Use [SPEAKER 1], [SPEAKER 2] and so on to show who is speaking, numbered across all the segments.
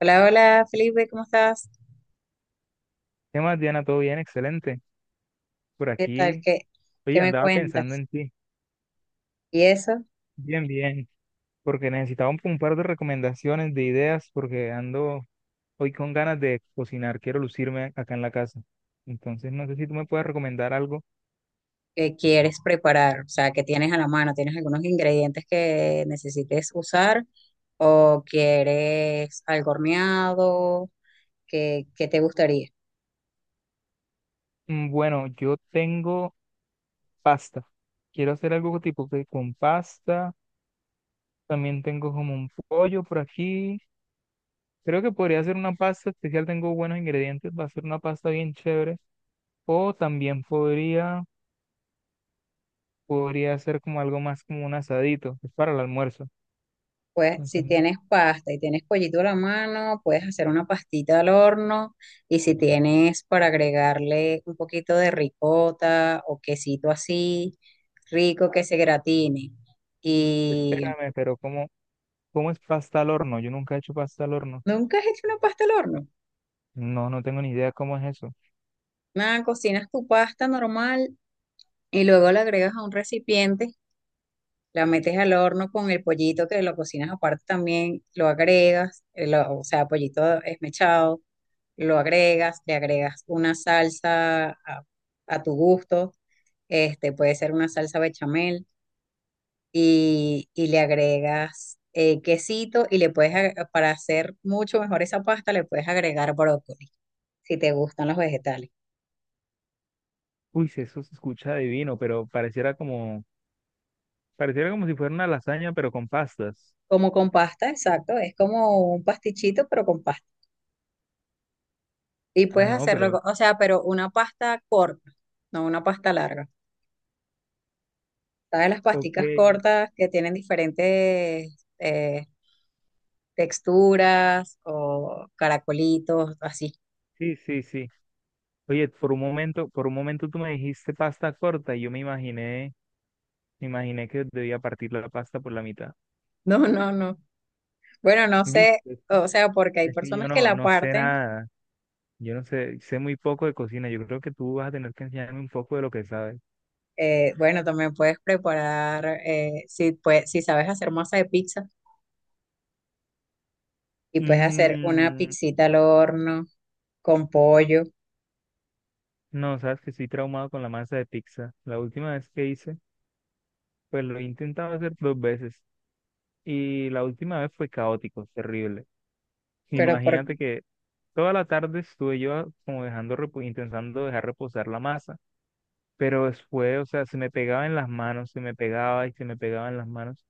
[SPEAKER 1] Hola, hola Felipe, ¿cómo estás?
[SPEAKER 2] ¿Qué más, Diana? ¿Todo bien? Excelente. Por
[SPEAKER 1] ¿Qué tal?
[SPEAKER 2] aquí,
[SPEAKER 1] ¿Qué
[SPEAKER 2] oye,
[SPEAKER 1] me
[SPEAKER 2] andaba pensando
[SPEAKER 1] cuentas?
[SPEAKER 2] en ti.
[SPEAKER 1] ¿Y eso
[SPEAKER 2] Bien, bien. Porque necesitaba un par de recomendaciones, de ideas, porque ando hoy con ganas de cocinar. Quiero lucirme acá en la casa. Entonces, no sé si tú me puedes recomendar algo.
[SPEAKER 1] qué quieres preparar? O sea, ¿que tienes a la mano? ¿Tienes algunos ingredientes que necesites usar? ¿O quieres algo horneado? ¿Qué te gustaría?
[SPEAKER 2] Bueno, yo tengo pasta. Quiero hacer algo tipo que con pasta. También tengo como un pollo por aquí. Creo que podría hacer una pasta especial. Tengo buenos ingredientes. Va a ser una pasta bien chévere. O también podría... podría ser como algo más como un asadito, es para el almuerzo.
[SPEAKER 1] Pues si
[SPEAKER 2] Entonces, no,
[SPEAKER 1] tienes pasta y tienes pollito a la mano, puedes hacer una pastita al horno. Y si tienes para agregarle un poquito de ricota o quesito así, rico que se gratine. Y
[SPEAKER 2] espérame, pero ¿cómo es pasta al horno? Yo nunca he hecho pasta al horno.
[SPEAKER 1] ¿Nunca has hecho una pasta al horno?
[SPEAKER 2] No, no tengo ni idea cómo es eso.
[SPEAKER 1] Nada, cocinas tu pasta normal y luego la agregas a un recipiente, la metes al horno con el pollito que lo cocinas aparte también, lo agregas, o sea, pollito esmechado, lo agregas, le agregas una salsa a tu gusto, este puede ser una salsa bechamel y le agregas quesito y para hacer mucho mejor esa pasta, le puedes agregar brócoli, si te gustan los vegetales.
[SPEAKER 2] Uy, sí, eso se escucha divino, pareciera como si fuera una lasaña, pero con pastas.
[SPEAKER 1] Como con pasta, exacto. Es como un pastichito, pero con pasta. Y
[SPEAKER 2] Ah,
[SPEAKER 1] puedes
[SPEAKER 2] no,
[SPEAKER 1] hacerlo,
[SPEAKER 2] pero,
[SPEAKER 1] o sea, pero una pasta corta, no una pasta larga. ¿Sabes las pasticas
[SPEAKER 2] ok,
[SPEAKER 1] cortas que tienen diferentes texturas o caracolitos, así?
[SPEAKER 2] sí, sí, sí. Oye, por un momento tú me dijiste pasta corta y me imaginé que debía partir la pasta por la mitad.
[SPEAKER 1] No, no, no. Bueno, no
[SPEAKER 2] ¿Viste?
[SPEAKER 1] sé,
[SPEAKER 2] Es que
[SPEAKER 1] o sea, porque hay
[SPEAKER 2] es que yo
[SPEAKER 1] personas que
[SPEAKER 2] no,
[SPEAKER 1] la
[SPEAKER 2] no sé
[SPEAKER 1] parten.
[SPEAKER 2] nada. Yo no sé, sé muy poco de cocina. Yo creo que tú vas a tener que enseñarme un poco de lo que sabes.
[SPEAKER 1] Bueno, también puedes preparar, si, pues, si sabes hacer masa de pizza, y puedes hacer una
[SPEAKER 2] Mm,
[SPEAKER 1] pizzita al horno con pollo.
[SPEAKER 2] no, sabes que estoy traumado con la masa de pizza. La última vez que hice, pues lo he intentado hacer dos veces. Y la última vez fue caótico, terrible.
[SPEAKER 1] pero por,
[SPEAKER 2] Imagínate que toda la tarde estuve yo como intentando dejar reposar la masa. Pero después, o sea, se me pegaba en las manos, se me pegaba y se me pegaba en las manos.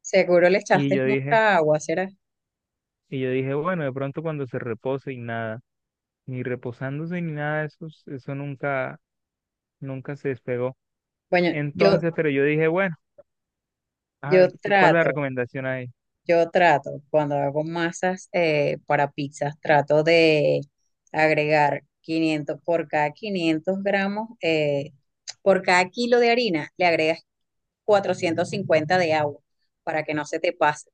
[SPEAKER 1] Seguro le
[SPEAKER 2] Y
[SPEAKER 1] echaste
[SPEAKER 2] yo dije,
[SPEAKER 1] mucha agua, ¿será?
[SPEAKER 2] y yo dije, bueno, de pronto cuando se repose y nada. Ni reposándose ni nada de eso, nunca se despegó.
[SPEAKER 1] Bueno,
[SPEAKER 2] Entonces, pero yo dije, bueno, ah,
[SPEAKER 1] yo
[SPEAKER 2] ¿cuál es la
[SPEAKER 1] trato,
[SPEAKER 2] recomendación ahí?
[SPEAKER 1] yo trato, cuando hago masas para pizzas, trato de agregar 500 por cada 500 gramos, por cada kilo de harina, le agregas 450 de agua para que no se te pase.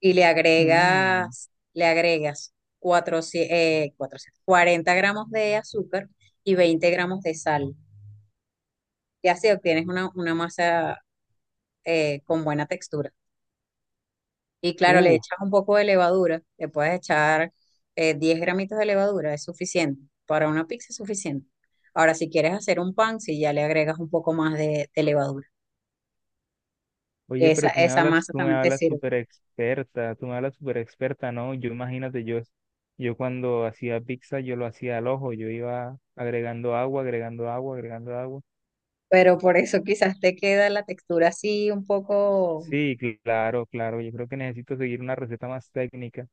[SPEAKER 1] Y le
[SPEAKER 2] Mm,
[SPEAKER 1] agregas, le agregas 400 400, 40 gramos de azúcar y 20 gramos de sal. Y así obtienes una masa con buena textura. Y claro, le
[SPEAKER 2] uh,
[SPEAKER 1] echas un poco de levadura, le puedes echar 10 gramitos de levadura, es suficiente. Para una pizza es suficiente. Ahora, si quieres hacer un pan, si ya le agregas un poco más de levadura,
[SPEAKER 2] oye,
[SPEAKER 1] esa,
[SPEAKER 2] pero
[SPEAKER 1] esa masa
[SPEAKER 2] tú me
[SPEAKER 1] también te
[SPEAKER 2] hablas
[SPEAKER 1] sirve.
[SPEAKER 2] súper experta, tú me hablas súper experta, ¿no? Yo cuando hacía pizza, yo lo hacía al ojo, yo iba agregando agua, agregando agua, agregando agua.
[SPEAKER 1] Pero por eso quizás te queda la textura así un poco.
[SPEAKER 2] Sí, claro, claro, yo creo que necesito seguir una receta más técnica.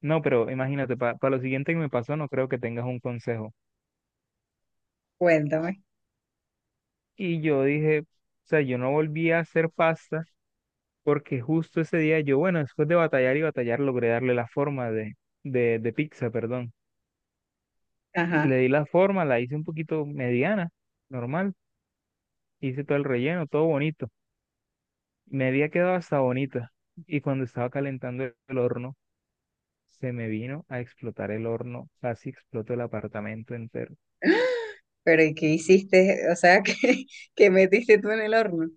[SPEAKER 2] No, pero imagínate, para lo siguiente que me pasó, no creo que tengas un consejo.
[SPEAKER 1] Cuéntame.
[SPEAKER 2] O sea, yo no volví a hacer pasta porque justo ese día yo, bueno, después de batallar y batallar, logré darle la forma de pizza, perdón.
[SPEAKER 1] Ajá,
[SPEAKER 2] Le di la forma, la hice un poquito mediana, normal. Hice todo el relleno, todo bonito. Me había quedado hasta bonita. Y cuando estaba calentando el horno, se me vino a explotar el horno. Casi explotó el apartamento entero.
[SPEAKER 1] pero ¿y qué hiciste? O sea, ¿qué metiste tú en el horno?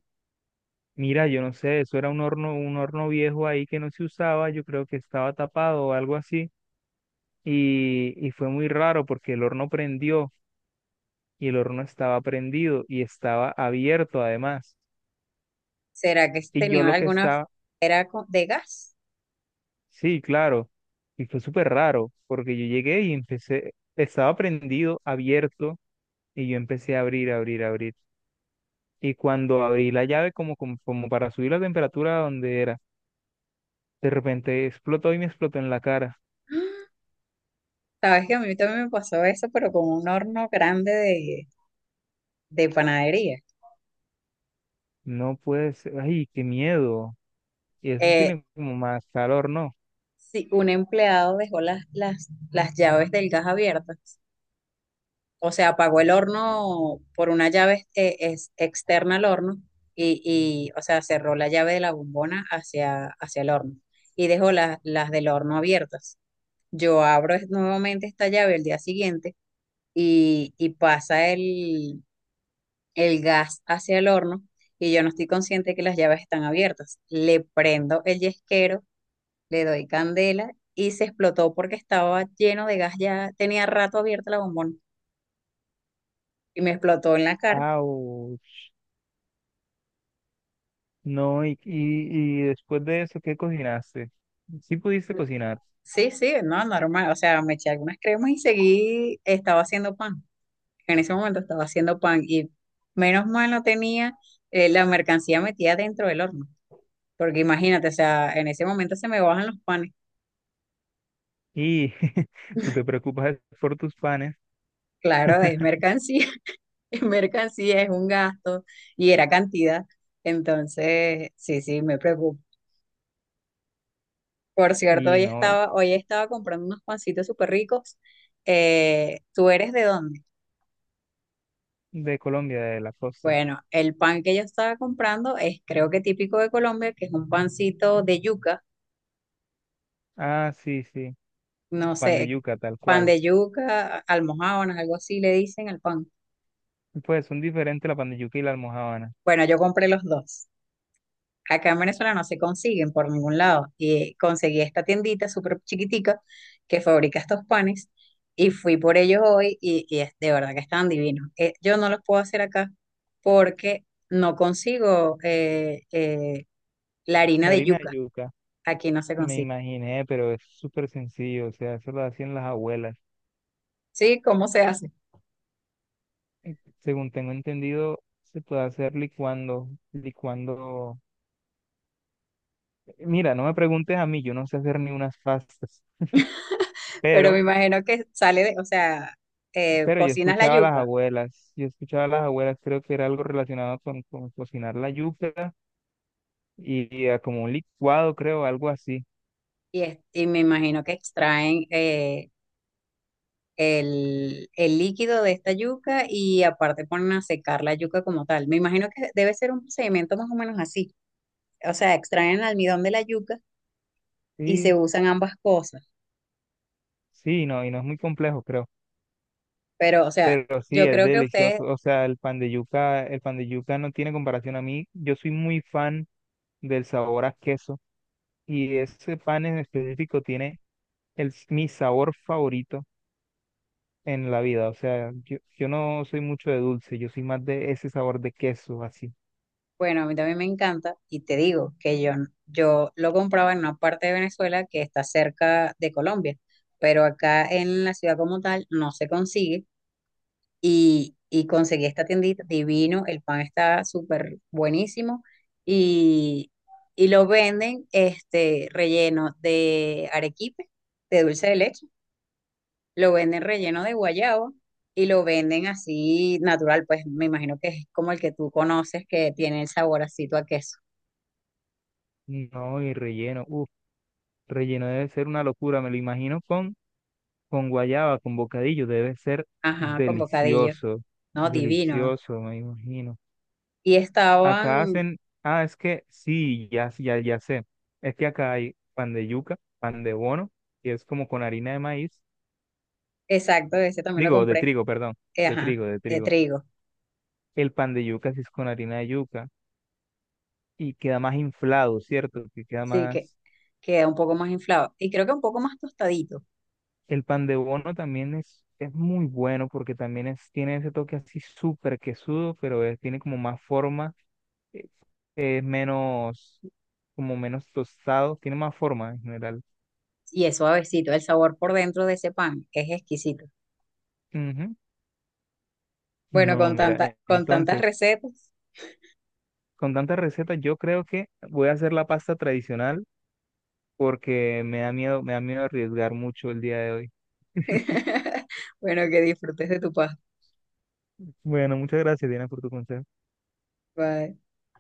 [SPEAKER 2] Mira, yo no sé, eso era un horno viejo ahí que no se usaba. Yo creo que estaba tapado o algo así y fue muy raro porque el horno prendió y el horno estaba prendido y estaba abierto además.
[SPEAKER 1] ¿Será que
[SPEAKER 2] Y yo
[SPEAKER 1] tenía
[SPEAKER 2] lo que
[SPEAKER 1] alguna,
[SPEAKER 2] estaba,
[SPEAKER 1] era de gas?
[SPEAKER 2] sí, claro, y fue súper raro porque yo llegué y empecé, estaba prendido, abierto y yo empecé a abrir. Y cuando abrí la llave como para subir la temperatura a donde era, de repente explotó y me explotó en la cara.
[SPEAKER 1] Sabes que a mí también me pasó eso, pero con un horno grande de panadería.
[SPEAKER 2] No puede ser, ay, qué miedo. Y eso
[SPEAKER 1] Eh,
[SPEAKER 2] tiene como más calor, ¿no?
[SPEAKER 1] sí, un empleado dejó las llaves del gas abiertas, o sea, apagó el horno por una llave externa al horno y o sea, cerró la llave de la bombona hacia el horno y dejó las del horno abiertas. Yo abro nuevamente esta llave el día siguiente y pasa el gas hacia el horno y yo no estoy consciente que las llaves están abiertas. Le prendo el yesquero, le doy candela y se explotó porque estaba lleno de gas, ya tenía rato abierta la bombón y me explotó en la cara.
[SPEAKER 2] ¡Auch! No, y después de eso, ¿qué cocinaste? Sí pudiste cocinar.
[SPEAKER 1] Sí, sí, no, normal, o sea, me eché algunas cremas y seguí, estaba haciendo pan. En ese momento estaba haciendo pan y menos mal no tenía la mercancía metida dentro del horno, porque imagínate, o sea, en ese momento se me bajan los panes.
[SPEAKER 2] Y tú te preocupas por tus panes.
[SPEAKER 1] Claro, es mercancía. Mercancía, es un gasto y era cantidad. Entonces, sí, sí, me preocupo. Por cierto,
[SPEAKER 2] Y
[SPEAKER 1] hoy
[SPEAKER 2] no, y
[SPEAKER 1] estaba, hoy estaba comprando unos pancitos súper ricos. ¿Tú eres de dónde?
[SPEAKER 2] de Colombia, de la costa.
[SPEAKER 1] Bueno, el pan que yo estaba comprando es creo que típico de Colombia, que es un pancito de yuca,
[SPEAKER 2] Ah, sí, sí.
[SPEAKER 1] no
[SPEAKER 2] Pan de
[SPEAKER 1] sé,
[SPEAKER 2] yuca, tal
[SPEAKER 1] pan
[SPEAKER 2] cual.
[SPEAKER 1] de yuca, almojábanas, algo así le dicen al pan.
[SPEAKER 2] Pues son diferentes la pan de yuca y la almojábana.
[SPEAKER 1] Bueno, yo compré los dos. Acá en Venezuela no se consiguen por ningún lado. Y conseguí esta tiendita súper chiquitica que fabrica estos panes y fui por ellos hoy y de verdad que están divinos. Yo no los puedo hacer acá porque no consigo la harina
[SPEAKER 2] La
[SPEAKER 1] de
[SPEAKER 2] harina de
[SPEAKER 1] yuca.
[SPEAKER 2] yuca,
[SPEAKER 1] Aquí no se
[SPEAKER 2] me
[SPEAKER 1] consigue.
[SPEAKER 2] imaginé, pero es súper sencillo. O sea, eso lo hacían las abuelas.
[SPEAKER 1] Sí, ¿cómo se hace?
[SPEAKER 2] Y según tengo entendido, se puede hacer licuando, licuando. Mira, no me preguntes a mí, yo no sé hacer ni unas pastas.
[SPEAKER 1] Pero me
[SPEAKER 2] Pero
[SPEAKER 1] imagino que sale de, o sea,
[SPEAKER 2] Pero yo
[SPEAKER 1] cocinas la
[SPEAKER 2] escuchaba a las
[SPEAKER 1] yuca
[SPEAKER 2] abuelas, yo escuchaba a las abuelas, creo que era algo relacionado con cocinar la yuca y a como un licuado, creo, algo así.
[SPEAKER 1] y me imagino que extraen el líquido de esta yuca y aparte ponen a secar la yuca como tal. Me imagino que debe ser un procedimiento más o menos así. O sea, extraen el almidón de la yuca y se
[SPEAKER 2] Sí,
[SPEAKER 1] usan ambas cosas.
[SPEAKER 2] sí, no, y no es muy complejo, creo.
[SPEAKER 1] Pero, o sea,
[SPEAKER 2] Pero sí,
[SPEAKER 1] yo
[SPEAKER 2] es
[SPEAKER 1] creo que ustedes,
[SPEAKER 2] delicioso. O sea, el pan de yuca, el pan de yuca no tiene comparación a mí. Yo soy muy fan del sabor a queso y ese pan en específico tiene el, mi sabor favorito en la vida. O sea, yo no soy mucho de dulce, yo soy más de ese sabor de queso, así.
[SPEAKER 1] bueno, a mí también me encanta y te digo que yo lo compraba en una parte de Venezuela que está cerca de Colombia, pero acá en la ciudad como tal no se consigue. Y conseguí esta tiendita divino, el pan está súper buenísimo y, y lo venden este relleno de arequipe, de dulce de leche, lo venden relleno de guayaba y lo venden así natural, pues me imagino que es como el que tú conoces que tiene el saborcito a queso,
[SPEAKER 2] No, y relleno. Uf. Relleno debe ser una locura, me lo imagino con guayaba, con bocadillo, debe ser
[SPEAKER 1] ajá, con bocadillo,
[SPEAKER 2] delicioso,
[SPEAKER 1] no, divino.
[SPEAKER 2] delicioso, me imagino.
[SPEAKER 1] Y
[SPEAKER 2] Acá
[SPEAKER 1] estaban,
[SPEAKER 2] hacen, ah, es que sí, ya, ya, ya sé, es que acá hay pan de yuca, pan de bono, que es como con harina de maíz,
[SPEAKER 1] exacto, ese también lo
[SPEAKER 2] digo, de
[SPEAKER 1] compré,
[SPEAKER 2] trigo, perdón, de
[SPEAKER 1] ajá,
[SPEAKER 2] trigo, de
[SPEAKER 1] de
[SPEAKER 2] trigo.
[SPEAKER 1] trigo,
[SPEAKER 2] El pan de yuca sí es con harina de yuca y queda más inflado, ¿cierto? Que queda
[SPEAKER 1] sí, que
[SPEAKER 2] más
[SPEAKER 1] queda un poco más inflado y creo que un poco más tostadito.
[SPEAKER 2] el pan de bono también es muy bueno porque también es, tiene ese toque así súper quesudo, pero es- tiene como más forma, eh, es menos, como menos tostado, tiene más forma en general.
[SPEAKER 1] Y es suavecito. El sabor por dentro de ese pan es exquisito.
[SPEAKER 2] Ujú.
[SPEAKER 1] Bueno,
[SPEAKER 2] No,
[SPEAKER 1] con
[SPEAKER 2] mira,
[SPEAKER 1] tanta,
[SPEAKER 2] e-
[SPEAKER 1] con tantas
[SPEAKER 2] entonces,
[SPEAKER 1] recetas.
[SPEAKER 2] con tantas recetas yo creo que voy a hacer la pasta tradicional porque me da miedo arriesgar mucho el día de hoy.
[SPEAKER 1] Bueno, que disfrutes de tu pasta.
[SPEAKER 2] Bueno, muchas gracias, Diana, por tu consejo.
[SPEAKER 1] Bye.